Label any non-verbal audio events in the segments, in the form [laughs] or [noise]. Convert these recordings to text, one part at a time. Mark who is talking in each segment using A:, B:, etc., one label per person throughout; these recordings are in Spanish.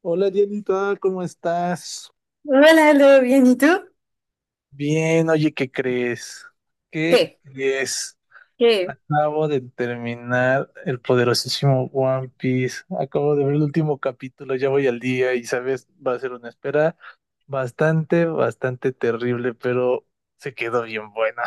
A: Hola Dianita, ¿cómo estás?
B: Hola, ¿lo bien? ¿Y tú?
A: Bien, oye, ¿qué crees? ¿Qué
B: ¿Qué?
A: crees?
B: ¿Qué?
A: Acabo de terminar el poderosísimo One Piece. Acabo de ver el último capítulo, ya voy al día y sabes, va a ser una espera bastante, bastante terrible, pero se quedó bien buena.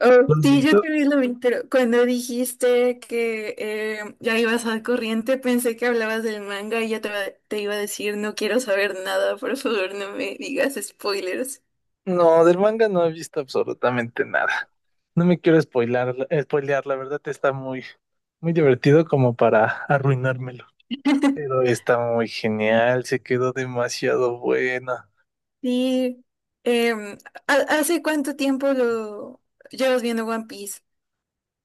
B: Oh,
A: ¿Lo has
B: sí, yo
A: visto?
B: también lo vi, pero cuando dijiste que ya ibas al corriente, pensé que hablabas del manga y ya te iba a decir, no quiero saber nada, por favor, no me digas spoilers.
A: No, del manga no he visto absolutamente nada. No me quiero spoilar, spoilear, la verdad está muy, muy divertido como para arruinármelo.
B: [laughs]
A: Pero está muy genial, se quedó demasiado buena.
B: Sí, em, ¿hace cuánto tiempo lo llevas viendo One Piece?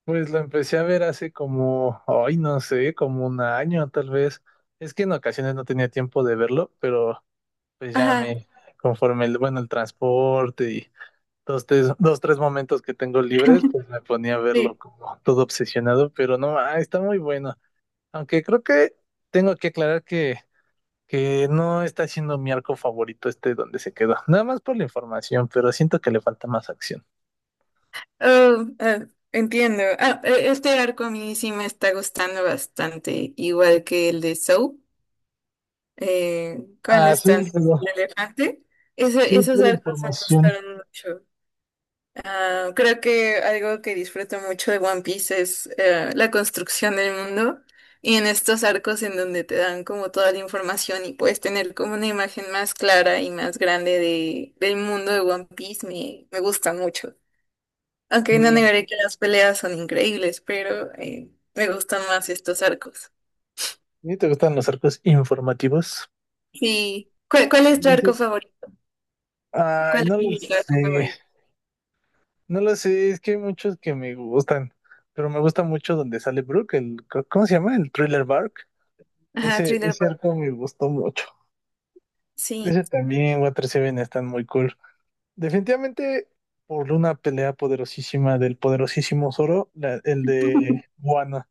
A: Pues la empecé a ver hace como, ay, no sé, como un año tal vez. Es que en ocasiones no tenía tiempo de verlo, pero pues ya
B: Ajá,
A: me, conforme el, bueno, el transporte y dos, tres, dos, tres momentos que tengo libres, pues me ponía a verlo
B: sí.
A: como todo obsesionado, pero no, ah, está muy bueno. Aunque creo que tengo que aclarar que no está siendo mi arco favorito este donde se quedó. Nada más por la información, pero siento que le falta más acción.
B: Oh, entiendo. Este arco a mí sí me está gustando bastante, igual que el de Soap. Cuando
A: Ah, sí,
B: están en
A: pero
B: el elefante.
A: sí,
B: Esos
A: pura
B: arcos me
A: información.
B: gustaron mucho. Ah, creo que algo que disfruto mucho de One Piece es la construcción del mundo y en estos arcos en donde te dan como toda la información y puedes tener como una imagen más clara y más grande del mundo de One Piece me gusta mucho. Aunque no
A: Mm,
B: negaré que las peleas son increíbles, pero me gustan más estos arcos.
A: ¿y te gustan los arcos informativos?
B: Sí. ¿Cuál es tu arco
A: Dice,
B: favorito?
A: ay,
B: ¿Cuál
A: no lo
B: es tu arco
A: sé.
B: favorito?
A: No lo sé, es que hay muchos que me gustan. Pero me gusta mucho donde sale Brooke, el, ¿cómo se llama? El Thriller Bark.
B: Ajá,
A: Ese,
B: Thriller
A: ese
B: Boy,
A: arco me gustó mucho.
B: sí.
A: Ese también, Water Seven están muy cool. Definitivamente, por una pelea poderosísima del poderosísimo Zoro, la- el de
B: [laughs]
A: Wano.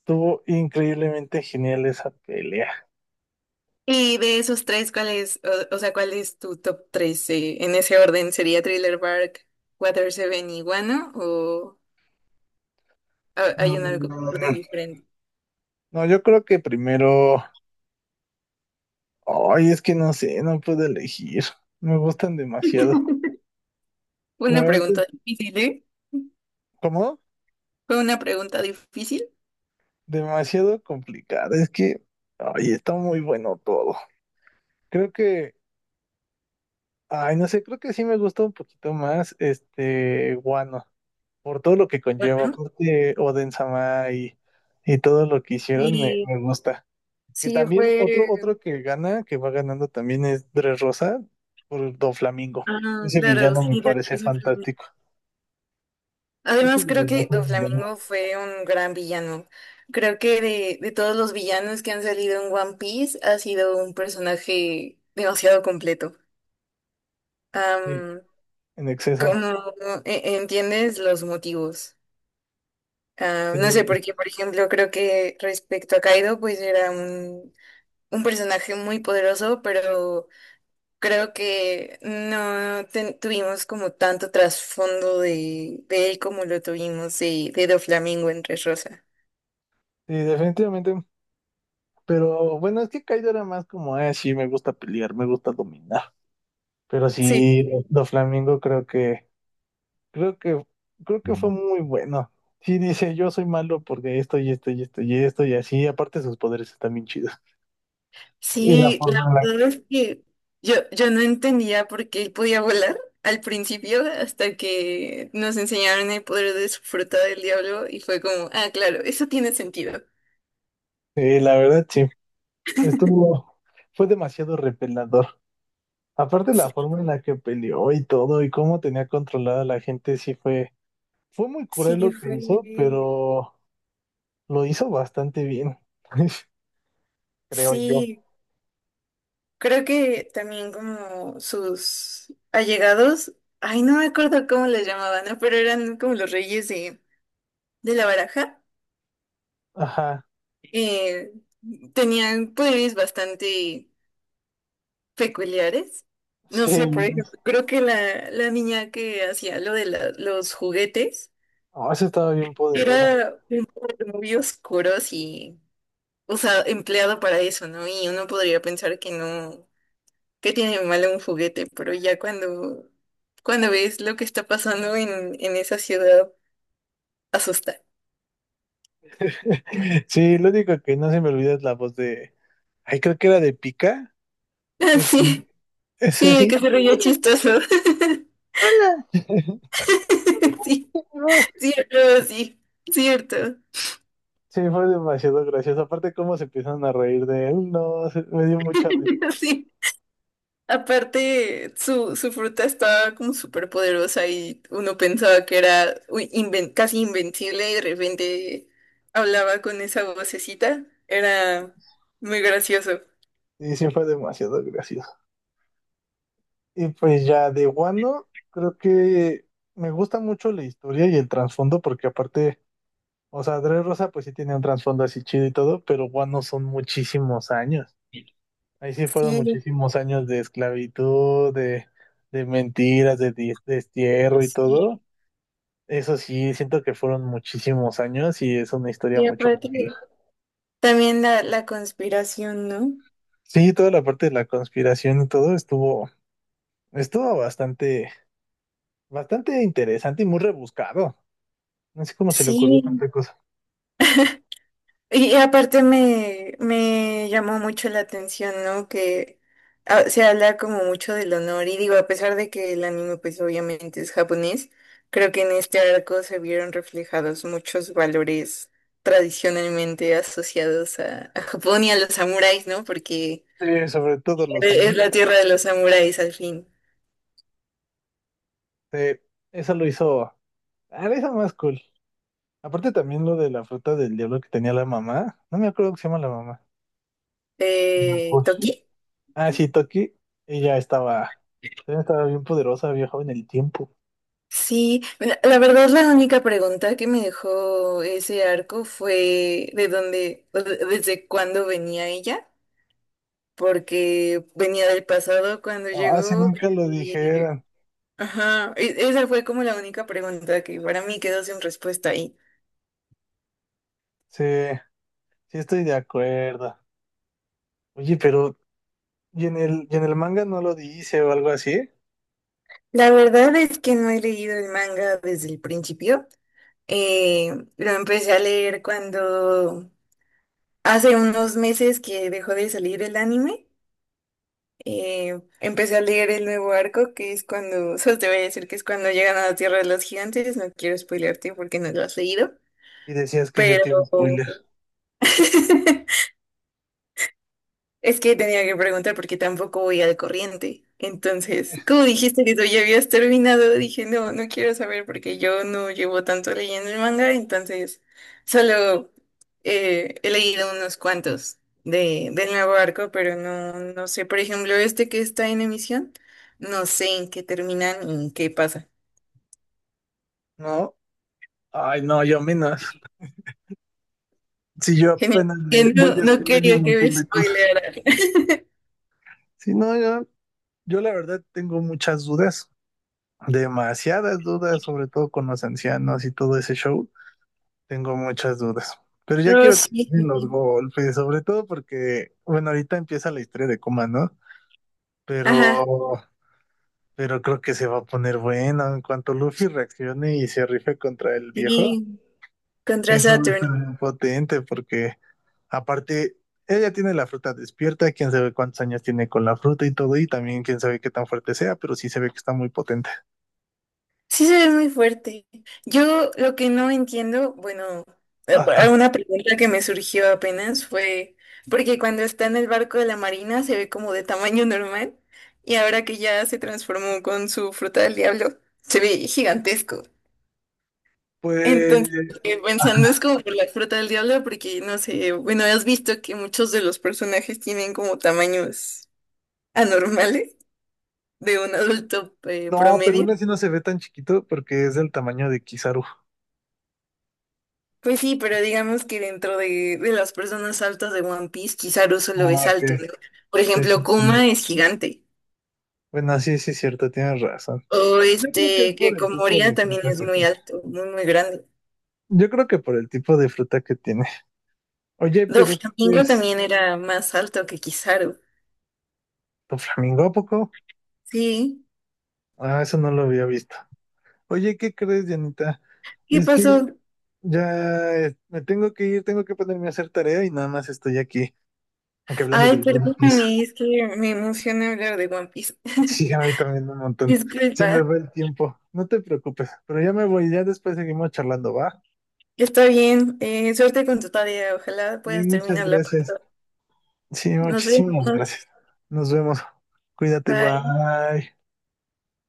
A: Estuvo increíblemente genial esa pelea.
B: Y de esos tres, o sea, ¿cuál es tu top tres? En ese orden, ¿sería Thriller Bark, Water Seven y Guano? ¿O hay un orden
A: Mm.
B: diferente?
A: No, yo creo que primero, ay, es que no sé, no puedo elegir. Me gustan demasiado.
B: Fue
A: La
B: una
A: verdad es,
B: pregunta difícil, ¿eh?
A: ¿cómo?
B: Fue una pregunta difícil.
A: Demasiado complicado. Es que, ay, está muy bueno todo. Creo que, ay, no sé, creo que sí me gusta un poquito más este Guano, por todo lo que conlleva,
B: Bueno,
A: aparte Oden-sama y todo lo que hicieron me,
B: y
A: me gusta. Que
B: sí,
A: también otro,
B: fue…
A: otro que gana, que va ganando también es Rosa por Doflamingo.
B: Ah,
A: Ese
B: claro,
A: villano me
B: sí, de.
A: parece fantástico. Creo que
B: Además, creo
A: desde las
B: que Don
A: dos millones.
B: Flamingo fue un gran villano. Creo que de todos los villanos que han salido en One Piece, ha sido un personaje demasiado completo.
A: Sí,
B: Am,
A: en exceso.
B: como entiendes los motivos. Ah,
A: Sí,
B: no sé por qué, por ejemplo, creo que respecto a Kaido, pues un personaje muy poderoso, pero creo que no tuvimos como tanto trasfondo de él como lo tuvimos de Doflamingo en Rosa.
A: sí, definitivamente. Pero bueno, es que Kaido era más como, sí, me gusta pelear, me gusta dominar. Pero
B: Sí.
A: sí, Doflamingo creo que, creo que, creo que fue muy bueno. Sí, dice, yo soy malo porque esto y esto y esto y esto y así. Aparte sus poderes están bien chidos. Y la
B: Sí, la
A: forma en la que.
B: verdad es que yo no entendía por qué él podía volar al principio hasta que nos enseñaron el poder de su fruta del diablo y fue como, ah, claro, eso tiene sentido.
A: Sí, la verdad, sí. Estuvo, fue demasiado repelador. Aparte
B: Sí,
A: la forma en la que peleó y todo y cómo tenía controlada a la gente, sí fue. Fue muy cruel
B: sí,
A: lo que hizo,
B: fue…
A: pero lo hizo bastante bien, [laughs] creo yo.
B: Sí, creo que también como sus allegados, ay, no me acuerdo cómo les llamaban, ¿no? Pero eran como los reyes de la baraja.
A: Ajá,
B: eh, Tenían poderes bastante… peculiares. No
A: sí,
B: sé, por ejemplo, creo que la niña que hacía lo de los juguetes
A: no, esa estaba bien poderosa.
B: era un poco muy oscuro y, o sea, empleado para eso, ¿no? Y uno podría pensar que no, que tiene de malo un juguete, pero ya cuando ves lo que está pasando en esa ciudad, asusta.
A: [laughs] Sí, lo único que no se me olvida es la voz de, ay, creo que era de Pica,
B: [laughs]
A: eh,
B: Sí,
A: ese
B: sí, que
A: sí.
B: se veía chistoso. [laughs]
A: Hola. [laughs]
B: Sí,
A: Dios.
B: cierto, sí, cierto.
A: Sí, fue demasiado gracioso. Aparte, cómo se empiezan a reír de él, no, se- me dio mucha risa.
B: [laughs] Sí. Aparte, su fruta estaba como súper poderosa y uno pensaba que era uy, casi invencible y de repente hablaba con esa vocecita. Era muy gracioso.
A: Y sí, fue demasiado gracioso. Y pues ya de Wano, creo que me gusta mucho la historia y el trasfondo, porque aparte, o sea, Rosa pues sí tiene un trasfondo así chido y todo, pero Wano son muchísimos años. Ahí sí fueron
B: Sí,
A: muchísimos años de esclavitud, de mentiras, de dis- destierro y
B: sí.
A: todo. Eso sí, siento que fueron muchísimos años y es una historia
B: Y
A: mucho más
B: aparte,
A: vieja.
B: también la conspiración, ¿no?
A: Sí, toda la parte de la conspiración y todo estuvo, estuvo bastante, bastante interesante y muy rebuscado. No sé cómo se le ocurrió
B: Sí.
A: tanta cosa.
B: Y aparte me llamó mucho la atención, ¿no? Que se habla como mucho del honor y digo, a pesar de que el anime pues obviamente es japonés, creo que en este arco se vieron reflejados muchos valores tradicionalmente asociados a Japón y a los samuráis, ¿no? Porque
A: Sí, sobre todo los
B: es la
A: amuletos.
B: tierra de los samuráis al fin.
A: Sí, eso lo hizo. Ah, eso más cool. Aparte también lo de la fruta del diablo que tenía la mamá. No me acuerdo cómo se llama la mamá. Shinakoshi.
B: ¿Toki?
A: Ah, sí, Toki. Ella estaba. Ella estaba bien poderosa, viajaba en el tiempo.
B: Sí, la la verdad la única pregunta que me dejó ese arco fue de dónde, o desde cuándo venía ella, porque venía del pasado cuando
A: Ah, si
B: llegó
A: nunca lo
B: y,
A: dijeran.
B: ajá, esa fue como la única pregunta que para mí quedó sin respuesta ahí.
A: Sí, sí estoy de acuerdo. Oye, pero. Y en el manga no lo dice o algo así?
B: La verdad es que no he leído el manga desde el principio. Lo empecé a leer cuando hace unos meses que dejó de salir el anime. Empecé a leer el nuevo arco, que es cuando, [laughs] solo te voy a decir que es cuando llegan a la Tierra de los Gigantes, no quiero spoilearte porque no lo has leído,
A: Y decías que yo
B: pero
A: te iba a spoiler.
B: [laughs] Es que tenía que preguntar porque tampoco voy al corriente. Entonces, como dijiste que tú ya habías terminado, dije, no, no quiero saber porque yo no llevo tanto leyendo el manga, entonces solo he leído unos cuantos del nuevo arco, pero no, no sé, por ejemplo, este que está en emisión, no sé en qué terminan y en qué pasa.
A: No. Ay, no, yo menos. Si yo
B: [laughs] Genial.
A: apenas
B: Que
A: le voy
B: no, no
A: descubriendo un
B: quería que me
A: montón de cosas.
B: spoilearan. [laughs]
A: Sí, no, yo la verdad tengo muchas dudas, demasiadas dudas, sobre todo con los ancianos y todo ese show. Tengo muchas dudas. Pero ya
B: No,
A: quiero que
B: sí.
A: den
B: Sí,
A: los
B: sí.
A: golpes, sobre todo porque, bueno, ahorita empieza la historia de Kuma, ¿no?
B: Ajá,
A: Pero, pero creo que se va a poner bueno en cuanto Luffy reaccione y se rife contra el viejo.
B: sí, contra
A: Eso va a
B: Saturn.
A: estar muy potente porque, aparte, ella tiene la fruta despierta, quién sabe cuántos años tiene con la fruta y todo, y también quién sabe qué tan fuerte sea, pero sí se ve que está muy potente.
B: Sí, se ve muy fuerte. Yo lo que no entiendo, bueno,
A: Ajá.
B: una pregunta que me surgió apenas fue, porque cuando está en el barco de la marina se ve como de tamaño normal y ahora que ya se transformó con su fruta del diablo, se ve gigantesco.
A: Pues
B: Entonces, pensando es como por la fruta del diablo, porque no sé, bueno, has visto que muchos de los personajes tienen como tamaños anormales de un adulto
A: no, pero
B: promedio.
A: aún así no se ve tan chiquito porque es del tamaño de Kizaru.
B: Pues sí, pero digamos que dentro de las personas altas de One Piece, quizá solo es
A: Ah, ok.
B: alto. ¿No? Por
A: Sí,
B: ejemplo,
A: sí, sí.
B: Kuma es gigante.
A: Bueno, sí, sí, es cierto, tienes razón.
B: O
A: Yo creo que es
B: este, que
A: por el tipo
B: Komoria
A: de
B: también
A: fruta
B: es
A: que
B: muy
A: tiene.
B: alto, muy, muy grande.
A: Yo creo que por el tipo de fruta que tiene. Oye, pero ¿qué
B: Doflamingo
A: crees?
B: también era más alto que Kizaru.
A: ¿Tu flamingo a poco?
B: Sí.
A: Ah, eso no lo había visto. Oye, ¿qué crees, Dianita?
B: ¿Qué
A: Es que
B: pasó?
A: ya me tengo que ir, tengo que ponerme a hacer tarea y nada más estoy aquí, aquí hablando
B: Ay,
A: del Greenpeace.
B: perdóname, es que me emociona hablar de One Piece.
A: Sí,
B: [laughs]
A: a mí también un montón. Se me
B: Disculpa.
A: va el tiempo. No te preocupes, pero ya me voy, ya después seguimos charlando, ¿va?
B: Está bien. Suerte con tu tarea. Ojalá
A: Sí,
B: puedas
A: muchas
B: terminarla.
A: gracias. Sí,
B: Nos vemos.
A: muchísimas gracias. Nos vemos. Cuídate,
B: Bye.
A: bye.